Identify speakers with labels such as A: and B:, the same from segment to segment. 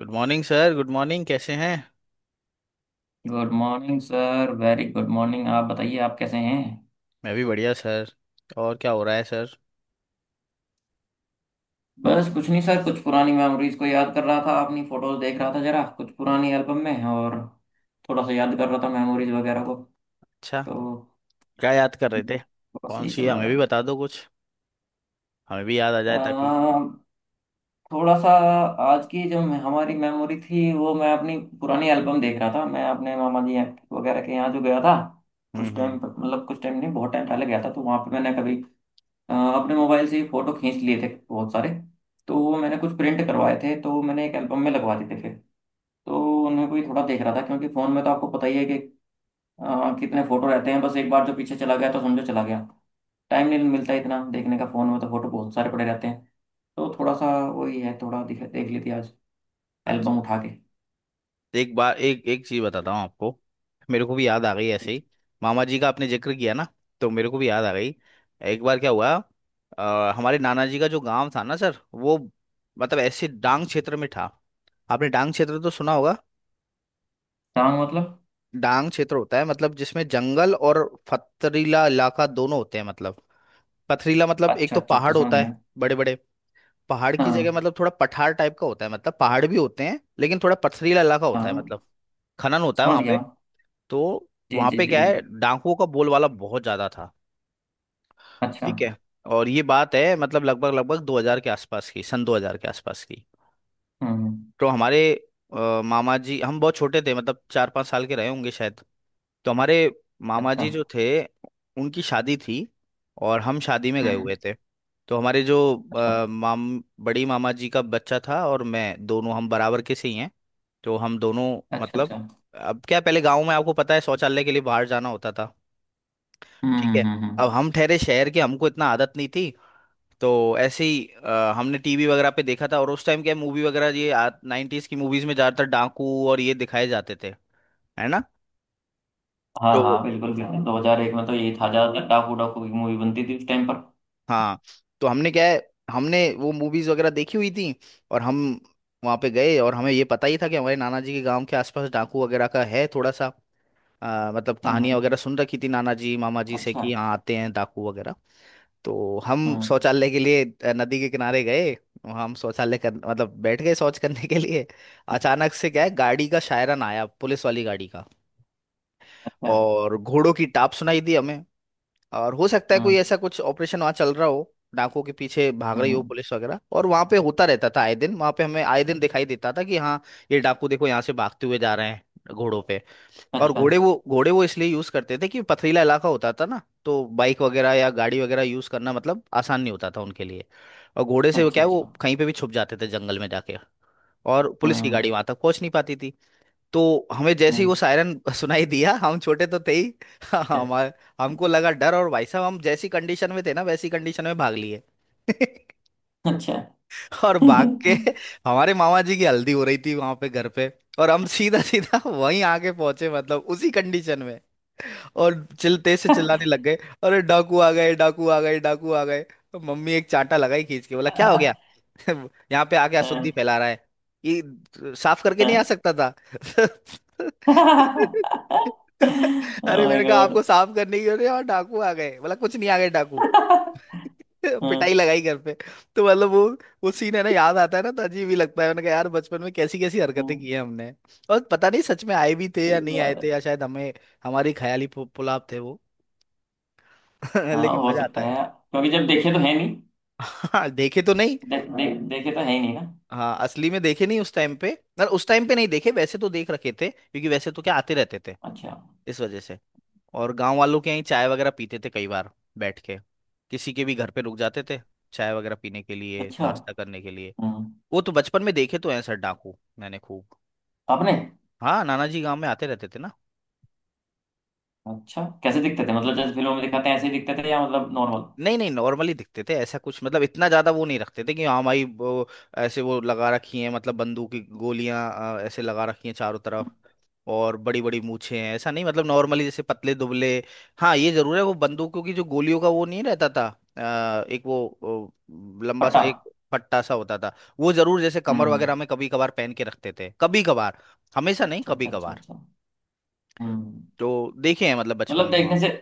A: Good morning sir. Good morning, कैसे हैं?
B: Good morning sir. Very good morning. आप बताइए आप कैसे हैं।
A: मैं भी बढ़िया सर। और क्या हो रहा है सर?
B: बस कुछ नहीं सर, कुछ पुरानी मेमोरीज को याद कर रहा था, अपनी फोटोज देख रहा था जरा, कुछ पुरानी एल्बम में। और थोड़ा सा याद कर रहा था मेमोरीज वगैरह को।
A: अच्छा,
B: तो
A: क्या याद कर रहे थे?
B: थोड़ा सा
A: कौन
B: ये
A: सी
B: चल
A: है,
B: रहा
A: हमें भी
B: था।
A: बता दो कुछ। हमें भी याद आ जाए ताकि।
B: अम, थोड़ा सा आज की जो हमारी मेमोरी थी, वो मैं अपनी पुरानी एल्बम देख रहा था। मैं अपने मामा जी वगैरह के यहाँ जो गया था, कुछ टाइम
A: हम्म।
B: मतलब कुछ टाइम नहीं, बहुत टाइम पहले गया था। तो वहाँ पे मैंने कभी अपने मोबाइल से ही फोटो खींच लिए थे बहुत सारे। तो वो मैंने कुछ प्रिंट करवाए थे, तो मैंने एक एल्बम में लगवा दिए थे फिर। तो उनमें कोई थोड़ा देख रहा था, क्योंकि फ़ोन में तो आपको पता ही है कि कितने फ़ोटो रहते हैं। बस एक बार जो पीछे चला गया तो समझो चला गया। टाइम नहीं मिलता इतना देखने का, फ़ोन में तो फ़ोटो बहुत सारे पड़े रहते हैं। तो थोड़ा सा वही है, थोड़ा दिख देख ली थी आज
A: अच्छा।
B: एल्बम उठा के।
A: एक बार, एक एक चीज़ बताता हूँ आपको। मेरे को भी याद आ गई ऐसे ही। मामा जी का आपने जिक्र किया ना, तो मेरे को भी याद आ गई। एक बार क्या हुआ, हमारे नाना जी का जो गांव था ना सर, वो मतलब ऐसे डांग क्षेत्र में था। आपने डांग क्षेत्र तो सुना होगा।
B: हाँ मतलब।
A: डांग क्षेत्र होता है मतलब जिसमें जंगल और पथरीला इलाका दोनों होते हैं। मतलब पथरीला मतलब एक
B: अच्छा,
A: तो
B: अच्छा, अच्छा,
A: पहाड़
B: समझ
A: होता
B: गया।
A: है, बड़े बड़े पहाड़ की जगह।
B: हाँ।
A: मतलब थोड़ा पठार टाइप का होता है। मतलब पहाड़ भी होते हैं, लेकिन थोड़ा पथरीला इलाका होता है,
B: हाँ।
A: मतलब खनन होता है
B: समझ
A: वहां
B: गया
A: पे।
B: मैं।
A: तो
B: जी
A: वहां
B: जी
A: पे
B: जी,
A: क्या है,
B: बिल्कुल।
A: डाकुओं का बोलबाला बहुत ज्यादा था।
B: अच्छा। हम्म।
A: ठीक है। और ये बात है मतलब लगभग लगभग 2000 के आसपास की, सन 2000 के आसपास की।
B: हम्म।
A: तो हमारे मामा जी, हम बहुत छोटे थे, मतलब चार पाँच साल के रहे होंगे शायद। तो हमारे मामा
B: अच्छा।
A: जी जो थे, उनकी शादी थी और हम शादी में गए
B: हम्म।
A: हुए थे। तो हमारे जो
B: अच्छा,
A: अ, माम बड़ी मामा जी का बच्चा था और मैं, दोनों हम बराबर के से ही हैं। तो हम दोनों
B: अच्छा,
A: मतलब,
B: अच्छा।
A: अब क्या पहले गांव में आपको पता है शौचालय के लिए बाहर जाना होता था।
B: हम्म।
A: ठीक है।
B: हम्म। हम्म।
A: अब
B: हम्म।
A: हम ठहरे शहर के, हमको इतना आदत नहीं थी। तो ऐसे ही हमने टीवी वगैरह पे देखा था, और उस टाइम क्या मूवी वगैरह ये, नाइन्टीज की मूवीज में ज्यादातर डाकू और ये दिखाए जाते थे, है ना।
B: हाँ
A: तो
B: हाँ, बिल्कुल बिल्कुल, 2001 में तो यही था, ज्यादातर डाकू डाकू की मूवी बनती थी उस टाइम पर।
A: हाँ, तो हमने क्या है, हमने वो मूवीज वगैरह देखी हुई थी। और हम वहाँ पे गए, और हमें ये पता ही था कि हमारे नाना जी के गांव के आसपास डाकू वगैरह का है थोड़ा सा। मतलब
B: हम्म।
A: कहानियां
B: हम्म।
A: वगैरह सुन रखी थी नाना जी मामा जी से
B: अच्छा।
A: कि यहाँ आते हैं डाकू वगैरह। तो हम
B: हम्म।
A: शौचालय के लिए नदी के किनारे गए। वहाँ हम शौचालय कर मतलब बैठ गए शौच करने के लिए। अचानक से क्या है,
B: हम्म।
A: गाड़ी का शायरन आया, पुलिस वाली गाड़ी का।
B: अच्छा।
A: और घोड़ों की टाप सुनाई दी हमें। और हो सकता है कोई
B: हम्म।
A: ऐसा कुछ ऑपरेशन वहाँ चल रहा हो, डाकुओं के पीछे भाग
B: हम्म।
A: रही हो
B: हम्म।
A: पुलिस वगैरह। और वहाँ पे होता रहता था आए दिन, वहाँ पे हमें आए दिन दिखाई देता था कि हाँ, ये डाकू देखो यहाँ से भागते हुए जा रहे हैं घोड़ों पे। और
B: अच्छा,
A: घोड़े वो, घोड़े वो इसलिए यूज करते थे कि पथरीला इलाका होता था ना, तो बाइक वगैरह या गाड़ी वगैरह यूज करना मतलब आसान नहीं होता था उनके लिए। और घोड़े से वो
B: अच्छा,
A: क्या है,
B: अच्छा।
A: वो कहीं पे भी छुप जाते थे जंगल में जाके। और पुलिस की
B: हम्म।
A: गाड़ी वहां तक पहुंच नहीं पाती थी। तो हमें जैसे ही
B: हम्म।
A: वो सायरन सुनाई दिया, हम छोटे तो थे ही। हमारे, हमको लगा डर, और भाई साहब हम जैसी कंडीशन में थे ना, वैसी कंडीशन में भाग लिए।
B: अच्छा।
A: और भाग के, हमारे मामा जी की हल्दी हो रही थी वहां पे घर पे, और हम सीधा सीधा वहीं आके पहुंचे मतलब उसी कंडीशन में। और चिल तेज से चिल्लाने लग गए, अरे डाकू आ गए, डाकू आ गए, डाकू आ गए। तो मम्मी एक चांटा लगाई खींच के, बोला क्या हो गया, यहाँ पे आके अशुद्धि फैला रहा है। ये साफ करके नहीं आ सकता था? अरे
B: माय
A: मैंने कहा आपको,
B: गॉड।
A: साफ करने की, अरे यार डाकू आ गए। बोला कुछ नहीं आ गए डाकू।
B: हम्म।
A: पिटाई लगाई घर पे। तो मतलब वो सीन है ना याद आता है ना, तो अजीब ही लगता है। मैंने कहा यार बचपन में कैसी कैसी हरकतें
B: हम्म।
A: की हैं हमने। और पता नहीं सच में आए भी थे या
B: सही
A: नहीं आए
B: बात है।
A: थे, या शायद हमें, हमारी ख्याली पुलाव थे वो।
B: हाँ
A: लेकिन
B: हो
A: मजा आता
B: सकता
A: है।
B: है, क्योंकि जब देखे तो है नहीं।
A: हाँ देखे तो नहीं।
B: दे, दे, देखे तो है ही नहीं ना।
A: हाँ असली में देखे नहीं उस टाइम पे। ना उस टाइम पे नहीं देखे, वैसे तो देख रखे थे क्योंकि वैसे तो क्या आते रहते थे
B: अच्छा।
A: इस वजह से। और गांव वालों के यहीं चाय वगैरह पीते थे कई बार, बैठ के, किसी के भी घर पे रुक जाते थे, चाय वगैरह पीने के लिए,
B: अच्छा।
A: नाश्ता करने के लिए।
B: हम्म।
A: वो तो बचपन में देखे तो हैं सर डाकू, मैंने खूब।
B: आपने।
A: हाँ नाना जी गांव में आते रहते थे ना।
B: अच्छा, कैसे दिखते थे? मतलब जैसे फिल्मों में दिखाते हैं ऐसे ही दिखते थे, या मतलब नॉर्मल?
A: नहीं नहीं, नॉर्मली दिखते थे। ऐसा कुछ मतलब इतना ज्यादा वो नहीं रखते थे कि हाँ भाई, वो ऐसे वो लगा रखी हैं मतलब बंदूक की गोलियां ऐसे लगा रखी हैं चारों तरफ, और बड़ी बड़ी मूछें हैं ऐसा नहीं। मतलब नॉर्मली जैसे पतले दुबले। हाँ ये जरूर है, वो बंदूकों की जो गोलियों का वो नहीं रहता था। एक वो, लंबा सा
B: पट्टा।
A: एक पट्टा सा होता था। वो जरूर जैसे कमर
B: हम्म।
A: वगैरह में कभी कभार पहन के रखते थे, कभी कभार, हमेशा नहीं
B: अच्छा,
A: कभी
B: अच्छा, अच्छा,
A: कभार।
B: अच्छा। हम्म।
A: तो देखे हैं मतलब बचपन
B: मतलब
A: में वहाँ
B: देखने से।
A: पे।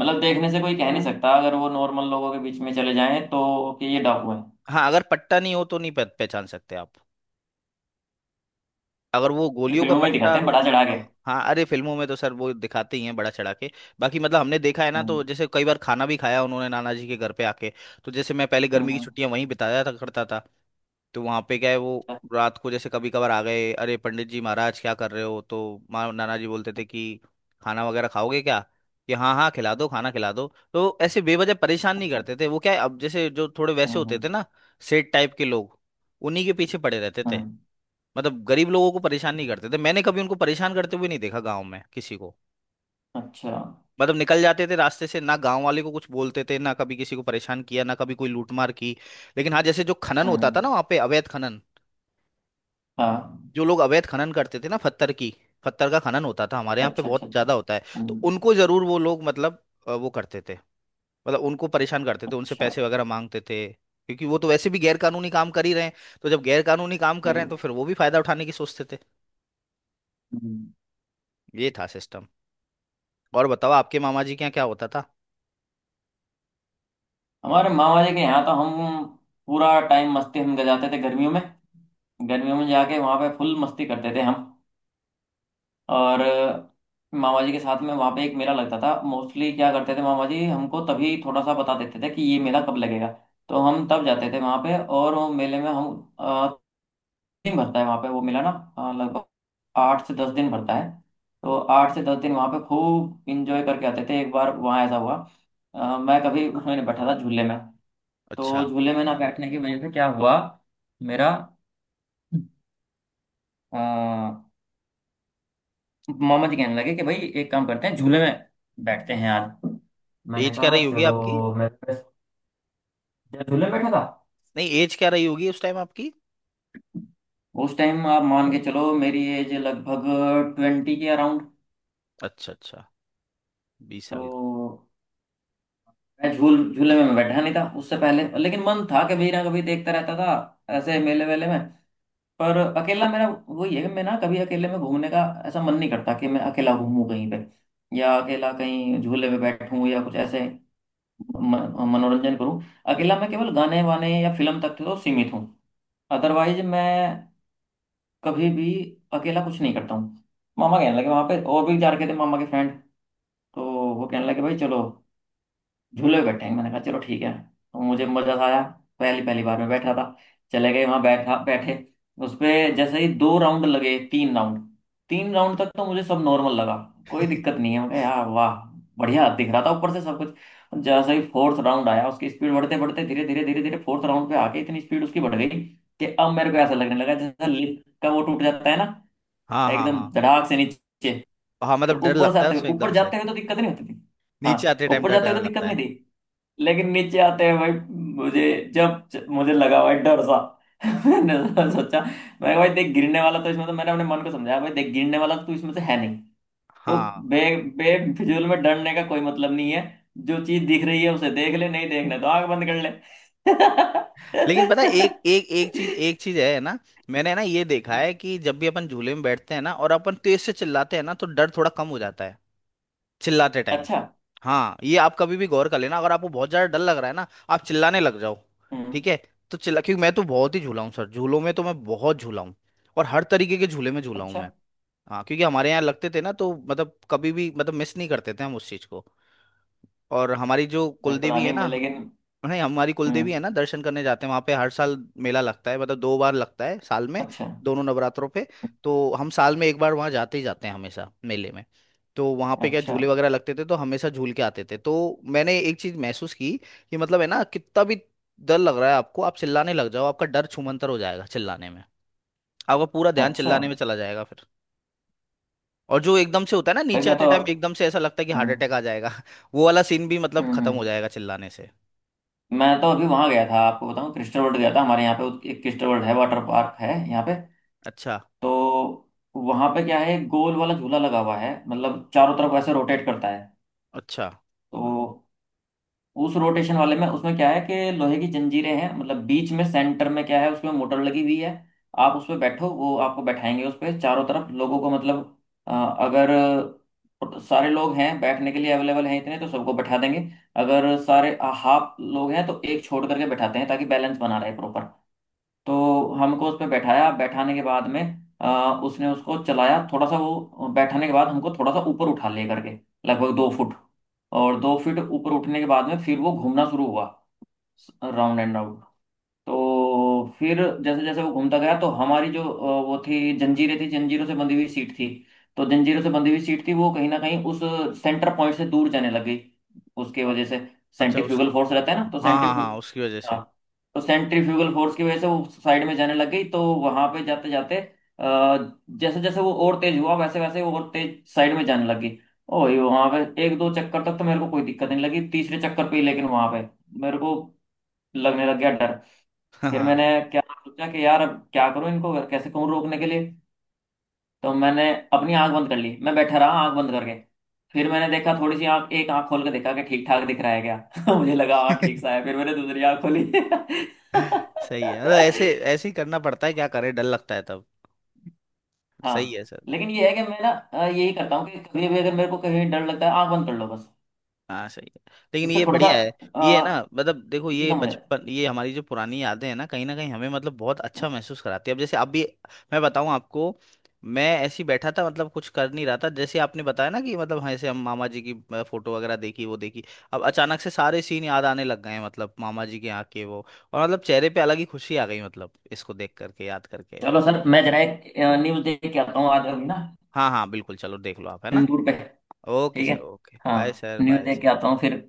B: मतलब देखने से कोई कह नहीं सकता, अगर वो नॉर्मल लोगों के बीच में चले जाएं, तो कि ये डाकू है।
A: हाँ अगर पट्टा नहीं हो तो नहीं पहचान सकते आप। अगर वो
B: ये
A: गोलियों का
B: फिल्मों में
A: पट्टा
B: दिखाते हैं
A: और-
B: बढ़ा चढ़ा के।
A: हाँ अरे फिल्मों में तो सर वो दिखाते ही हैं बड़ा चढ़ा के। बाकी मतलब हमने देखा है ना, तो
B: हम्म।
A: जैसे कई बार खाना भी खाया उन्होंने नाना जी के घर पे आके। तो जैसे मैं पहले गर्मी
B: हम्म।
A: की
B: हम्म।
A: छुट्टियां वहीं बिताया था करता था। तो वहां पे क्या है वो,
B: अच्छा।
A: रात को जैसे कभी कभार आ गए, अरे पंडित जी महाराज क्या कर रहे हो। तो माँ नाना जी बोलते थे कि खाना वगैरह खाओगे क्या? कि हाँ हाँ खिला दो, खाना खिला दो। तो ऐसे बेवजह परेशान नहीं
B: अच्छा।
A: करते थे। वो क्या है, अब जैसे जो थोड़े
B: हम्म।
A: वैसे होते
B: हम्म।
A: थे ना, सेठ टाइप के लोग, उन्हीं के पीछे पड़े रहते थे।
B: हम्म।
A: मतलब गरीब लोगों को परेशान नहीं करते थे। मैंने कभी उनको परेशान करते हुए नहीं देखा गांव में किसी को।
B: अच्छा।
A: मतलब निकल जाते थे रास्ते से, ना गांव वाले को कुछ बोलते थे, ना कभी किसी को परेशान किया, ना कभी कोई लूटमार की। लेकिन हाँ, जैसे जो खनन होता था
B: हम्म।
A: ना वहाँ पे, अवैध खनन,
B: हाँ।
A: जो लोग अवैध खनन करते थे ना, पत्थर की, पत्थर का खनन होता था हमारे यहाँ पे
B: अच्छा,
A: बहुत
B: अच्छा, अच्छा।
A: ज्यादा होता है। तो
B: हम्म।
A: उनको जरूर वो लोग मतलब वो करते थे, मतलब उनको परेशान करते थे, उनसे
B: अच्छा।
A: पैसे वगैरह मांगते थे। क्योंकि वो तो वैसे भी गैर कानूनी काम कर ही रहे हैं, तो जब गैर कानूनी काम कर रहे हैं
B: बिल्कुल।
A: तो फिर वो भी फायदा उठाने की सोचते थे।
B: हम्म।
A: ये था सिस्टम। और बताओ आपके मामा जी के यहाँ क्या होता था?
B: हमारे मामा जी के यहाँ तो हम पूरा टाइम मस्ती हम गजाते थे गर्मियों में। गर्मियों में जाके वहाँ पे फुल मस्ती करते थे हम। और मामा जी के साथ में वहाँ पे एक मेला लगता था मोस्टली, क्या करते थे मामा जी हमको तभी थोड़ा सा बता देते थे कि ये मेला कब लगेगा। तो हम तब जाते थे वहाँ पे, और वो मेले में हम दिन भरता है वहाँ पे वो मेला ना, लगभग 8 से 10 दिन भरता है। तो 8 से 10 दिन वहाँ पे खूब इंजॉय करके आते थे। एक बार वहाँ ऐसा हुआ, मैं कभी उसमें नहीं बैठा था, झूले में। तो
A: अच्छा,
B: झूले में ना बैठने की वजह से क्या हुआ, मेरा अ, मामा जी कहने लगे कि भाई एक काम करते हैं, झूले में बैठते हैं आज। मैंने
A: एज क्या
B: कहा
A: रही होगी
B: चलो।
A: आपकी?
B: मैं बस, जब झूले में बैठा था।
A: नहीं एज क्या रही होगी उस टाइम आपकी?
B: उस टाइम आप मान के चलो मेरी एज लगभग 20 के अराउंड।
A: अच्छा अच्छा, बीस साल।
B: तो मैं झूले में मैं बैठा नहीं था उससे पहले, लेकिन मन था, कभी ना कभी देखता रहता था ऐसे मेले वेले में। पर अकेला, मेरा वो ये है कि मैं ना कभी अकेले में घूमने का, ऐसा मन नहीं करता कि मैं अकेला घूमूं कहीं पे, या अकेला कहीं झूले पे बैठूं, या कुछ ऐसे मनोरंजन करूं। अकेला मैं केवल गाने वाने या फिल्म तक तो सीमित हूँ। अदरवाइज मैं कभी भी अकेला कुछ नहीं करता हूँ। मामा कहने लगे, वहां पे और भी जा रखे थे मामा के फ्रेंड, तो वो कहने लगे भाई चलो, झूले पे बैठेंगे। मैंने कहा चलो ठीक है। तो मुझे मजा सा आया, पहली पहली बार में बैठा था। चले गए वहां, बैठा बैठे उसपे, जैसे ही 2 राउंड लगे, 3 राउंड, 3 राउंड तक तो मुझे सब नॉर्मल लगा, कोई दिक्कत नहीं है। मैं कहा, यार वाह, बढ़िया दिख रहा था ऊपर से सब कुछ। जैसे ही फोर्थ राउंड आया, उसकी स्पीड बढ़ते बढ़ते, धीरे धीरे धीरे धीरे फोर्थ राउंड पे आके इतनी स्पीड उसकी बढ़ गई कि अब मेरे को ऐसा लगने लगा जैसे लिफ्ट का वो टूट जाता है ना,
A: हाँ हाँ
B: एकदम
A: हाँ।
B: धड़ाक से नीचे।
A: हाँ
B: तो
A: मतलब डर
B: ऊपर से
A: लगता है
B: आते हुए,
A: उसमें
B: ऊपर
A: एकदम से।
B: जाते हुए तो दिक्कत नहीं होती थी। हाँ।
A: नीचे आते टाइम
B: ऊपर
A: डर,
B: जाते हुए
A: डर
B: तो दिक्कत
A: लगता
B: नहीं
A: है।
B: थी, लेकिन नीचे आते हैं भाई, मुझे जब जब मुझे लगा भाई डर सा, मैंने सोचा, मैं भाई देख, गिरने वाला तो इसमें तो, मैंने अपने मन को समझाया भाई देख गिरने वाला तो इसमें से है नहीं। तो
A: हाँ।
B: बे बेफिजूल में डरने का कोई मतलब नहीं है। जो चीज दिख रही है उसे देख ले, नहीं देखना तो आंख बंद कर ले।
A: लेकिन पता है एक एक एक चीज, एक चीज है ना, मैंने ना ये देखा है कि जब भी अपन झूले में बैठते हैं ना और अपन तेज से चिल्लाते हैं ना, तो डर थोड़ा कम हो जाता है चिल्लाते टाइम।
B: अच्छा।
A: हाँ ये आप कभी भी गौर कर लेना, अगर आपको बहुत ज्यादा डर लग रहा है ना, आप चिल्लाने लग जाओ।
B: हम्म।
A: ठीक है। तो चिल्ला, क्योंकि मैं तो बहुत ही झूला हूँ सर, झूलों में तो मैं बहुत झूला हूँ। और हर तरीके के झूले में झूला हूँ
B: अच्छा।
A: मैं। हाँ क्योंकि हमारे यहाँ लगते थे ना, तो मतलब कभी भी मतलब मिस नहीं करते थे हम उस चीज को। और हमारी जो
B: भाई पता
A: कुलदेवी है
B: नहीं
A: ना,
B: मैं, लेकिन।
A: नहीं, हमारी
B: हम्म।
A: कुलदेवी है ना, दर्शन करने जाते हैं वहां पे हर साल। मेला लगता है, मतलब दो बार लगता है साल में,
B: अच्छा। हम्म।
A: दोनों नवरात्रों पे। तो हम साल में एक बार वहां जाते ही जाते हैं हमेशा मेले में। तो वहां पे क्या,
B: अच्छा।
A: झूले वगैरह लगते थे, तो हमेशा झूल के आते थे। तो मैंने एक चीज महसूस की कि मतलब है ना, कितना भी डर लग रहा है आपको, आप चिल्लाने लग जाओ, आपका डर छूमंतर हो जाएगा चिल्लाने में। आपका पूरा ध्यान
B: अच्छा।
A: चिल्लाने में चला जाएगा फिर। और जो एकदम से होता है ना
B: भाई
A: नीचे
B: मैं
A: आते
B: तो।
A: टाइम, एकदम से ऐसा लगता है कि हार्ट
B: हम्म।
A: अटैक आ जाएगा, वो वाला सीन भी मतलब
B: हम्म।
A: खत्म
B: हम्म।
A: हो जाएगा चिल्लाने से।
B: मैं तो अभी वहां गया था आपको बताऊं, क्रिस्टल वर्ल्ड गया था, हमारे यहाँ पे एक क्रिस्टल वर्ल्ड है, वाटर पार्क है यहाँ पे।
A: अच्छा
B: तो वहां पे क्या है, एक गोल वाला झूला लगा हुआ है, मतलब चारों तरफ ऐसे रोटेट करता है।
A: अच्छा
B: तो उस रोटेशन वाले में, उसमें क्या है कि लोहे की जंजीरें हैं, मतलब बीच में सेंटर में क्या है उसमें मोटर लगी हुई है। आप उस पर बैठो, वो आपको बैठाएंगे उस पर चारों तरफ, लोगों को मतलब अ, अगर सारे लोग हैं बैठने के लिए अवेलेबल हैं इतने, तो सबको बैठा देंगे। अगर सारे हाफ लोग हैं तो एक छोड़ करके बैठाते हैं, ताकि बैलेंस बना रहे प्रॉपर। तो हमको उस पर बैठाया, बैठाने के बाद में अ, उसने उसको चलाया थोड़ा सा, वो बैठाने के बाद हमको थोड़ा सा ऊपर उठा ले करके, लगभग 2 फुट, और 2 फीट ऊपर उठने के बाद में फिर वो घूमना शुरू हुआ, राउंड एंड राउंड। तो फिर जैसे जैसे वो घूमता गया, तो हमारी जो वो थी जंजीरें थी, जंजीरों से बंधी हुई सीट थी। तो जंजीरों से बंधी हुई सीट थी, वो कहीं ना कहीं उस सेंटर पॉइंट से दूर जाने लगी, उसके
A: अ-
B: वजह से
A: अच्छा उस,
B: सेंट्रीफ्यूगल फोर्स रहता है ना, तो
A: हाँ हाँ
B: सेंट्रीफ्यू।
A: हाँ, उसकी वजह से।
B: हाँ। तो सेंट्रीफ्यूगल फोर्स की वजह से वो साइड में जाने लग गई, तो वहां पे जाते जाते, जैसे जैसे वो और तेज हुआ वैसे वैसे वो और तेज साइड में जाने लगी। ओ ये वहां पे एक दो चक्कर तक तो मेरे को कोई दिक्कत नहीं लगी, तीसरे चक्कर पे ही लेकिन वहां पे मेरे को लगने लग गया डर।
A: हाँ
B: फिर
A: हाँ,
B: मैंने क्या सोचा कि यार अब क्या करूं, इनको कैसे कहूं रोकने के लिए। तो मैंने अपनी आंख बंद कर ली, मैं बैठा रहा आंख बंद करके। फिर मैंने देखा थोड़ी सी आंख, एक आंख खोल के देखा कि ठीक ठाक दिख रहा है क्या। मुझे लगा हाँ ठीक सा है, फिर मैंने दूसरी आंख खोली।
A: सही है। अरे ऐसे ऐसे ही करना पड़ता है, क्या करें डर लगता है तब। सही है
B: हाँ।
A: सर।
B: लेकिन ये है कि मैं ना, यही करता हूँ कि कभी भी अगर मेरे को कहीं डर लगता है, आंख बंद कर लो बस।
A: हाँ सही है। लेकिन
B: उससे
A: ये
B: थोड़ा सा
A: बढ़िया है। ये है ना,
B: अ,
A: मतलब देखो,
B: चीजें
A: ये
B: कम हो जाती है।
A: बचपन, ये हमारी जो पुरानी यादें हैं ना, कहीं ना कहीं हमें मतलब बहुत अच्छा महसूस कराती है। अब जैसे अभी मैं बताऊँ आपको, मैं ऐसे ही बैठा था, मतलब कुछ कर नहीं रहा था, जैसे आपने बताया ना कि मतलब हाँ, ऐसे हम मामा जी की फोटो वगैरह देखी वो देखी, अब अचानक से सारे सीन याद आने लग गए हैं, मतलब मामा जी के यहाँ के वो। और मतलब चेहरे पे अलग ही खुशी आ गई, मतलब इसको देख करके, याद करके।
B: चलो सर, मैं जरा एक न्यूज देख के आता हूँ आज अभी ना।
A: हाँ हाँ बिल्कुल, चलो देख लो आप है ना।
B: इंदूर पे।
A: ओके
B: ठीक है।
A: सर, ओके,
B: हाँ।
A: बाय सर,
B: न्यूज
A: बाय
B: देख के
A: सर।
B: आता हूँ फिर।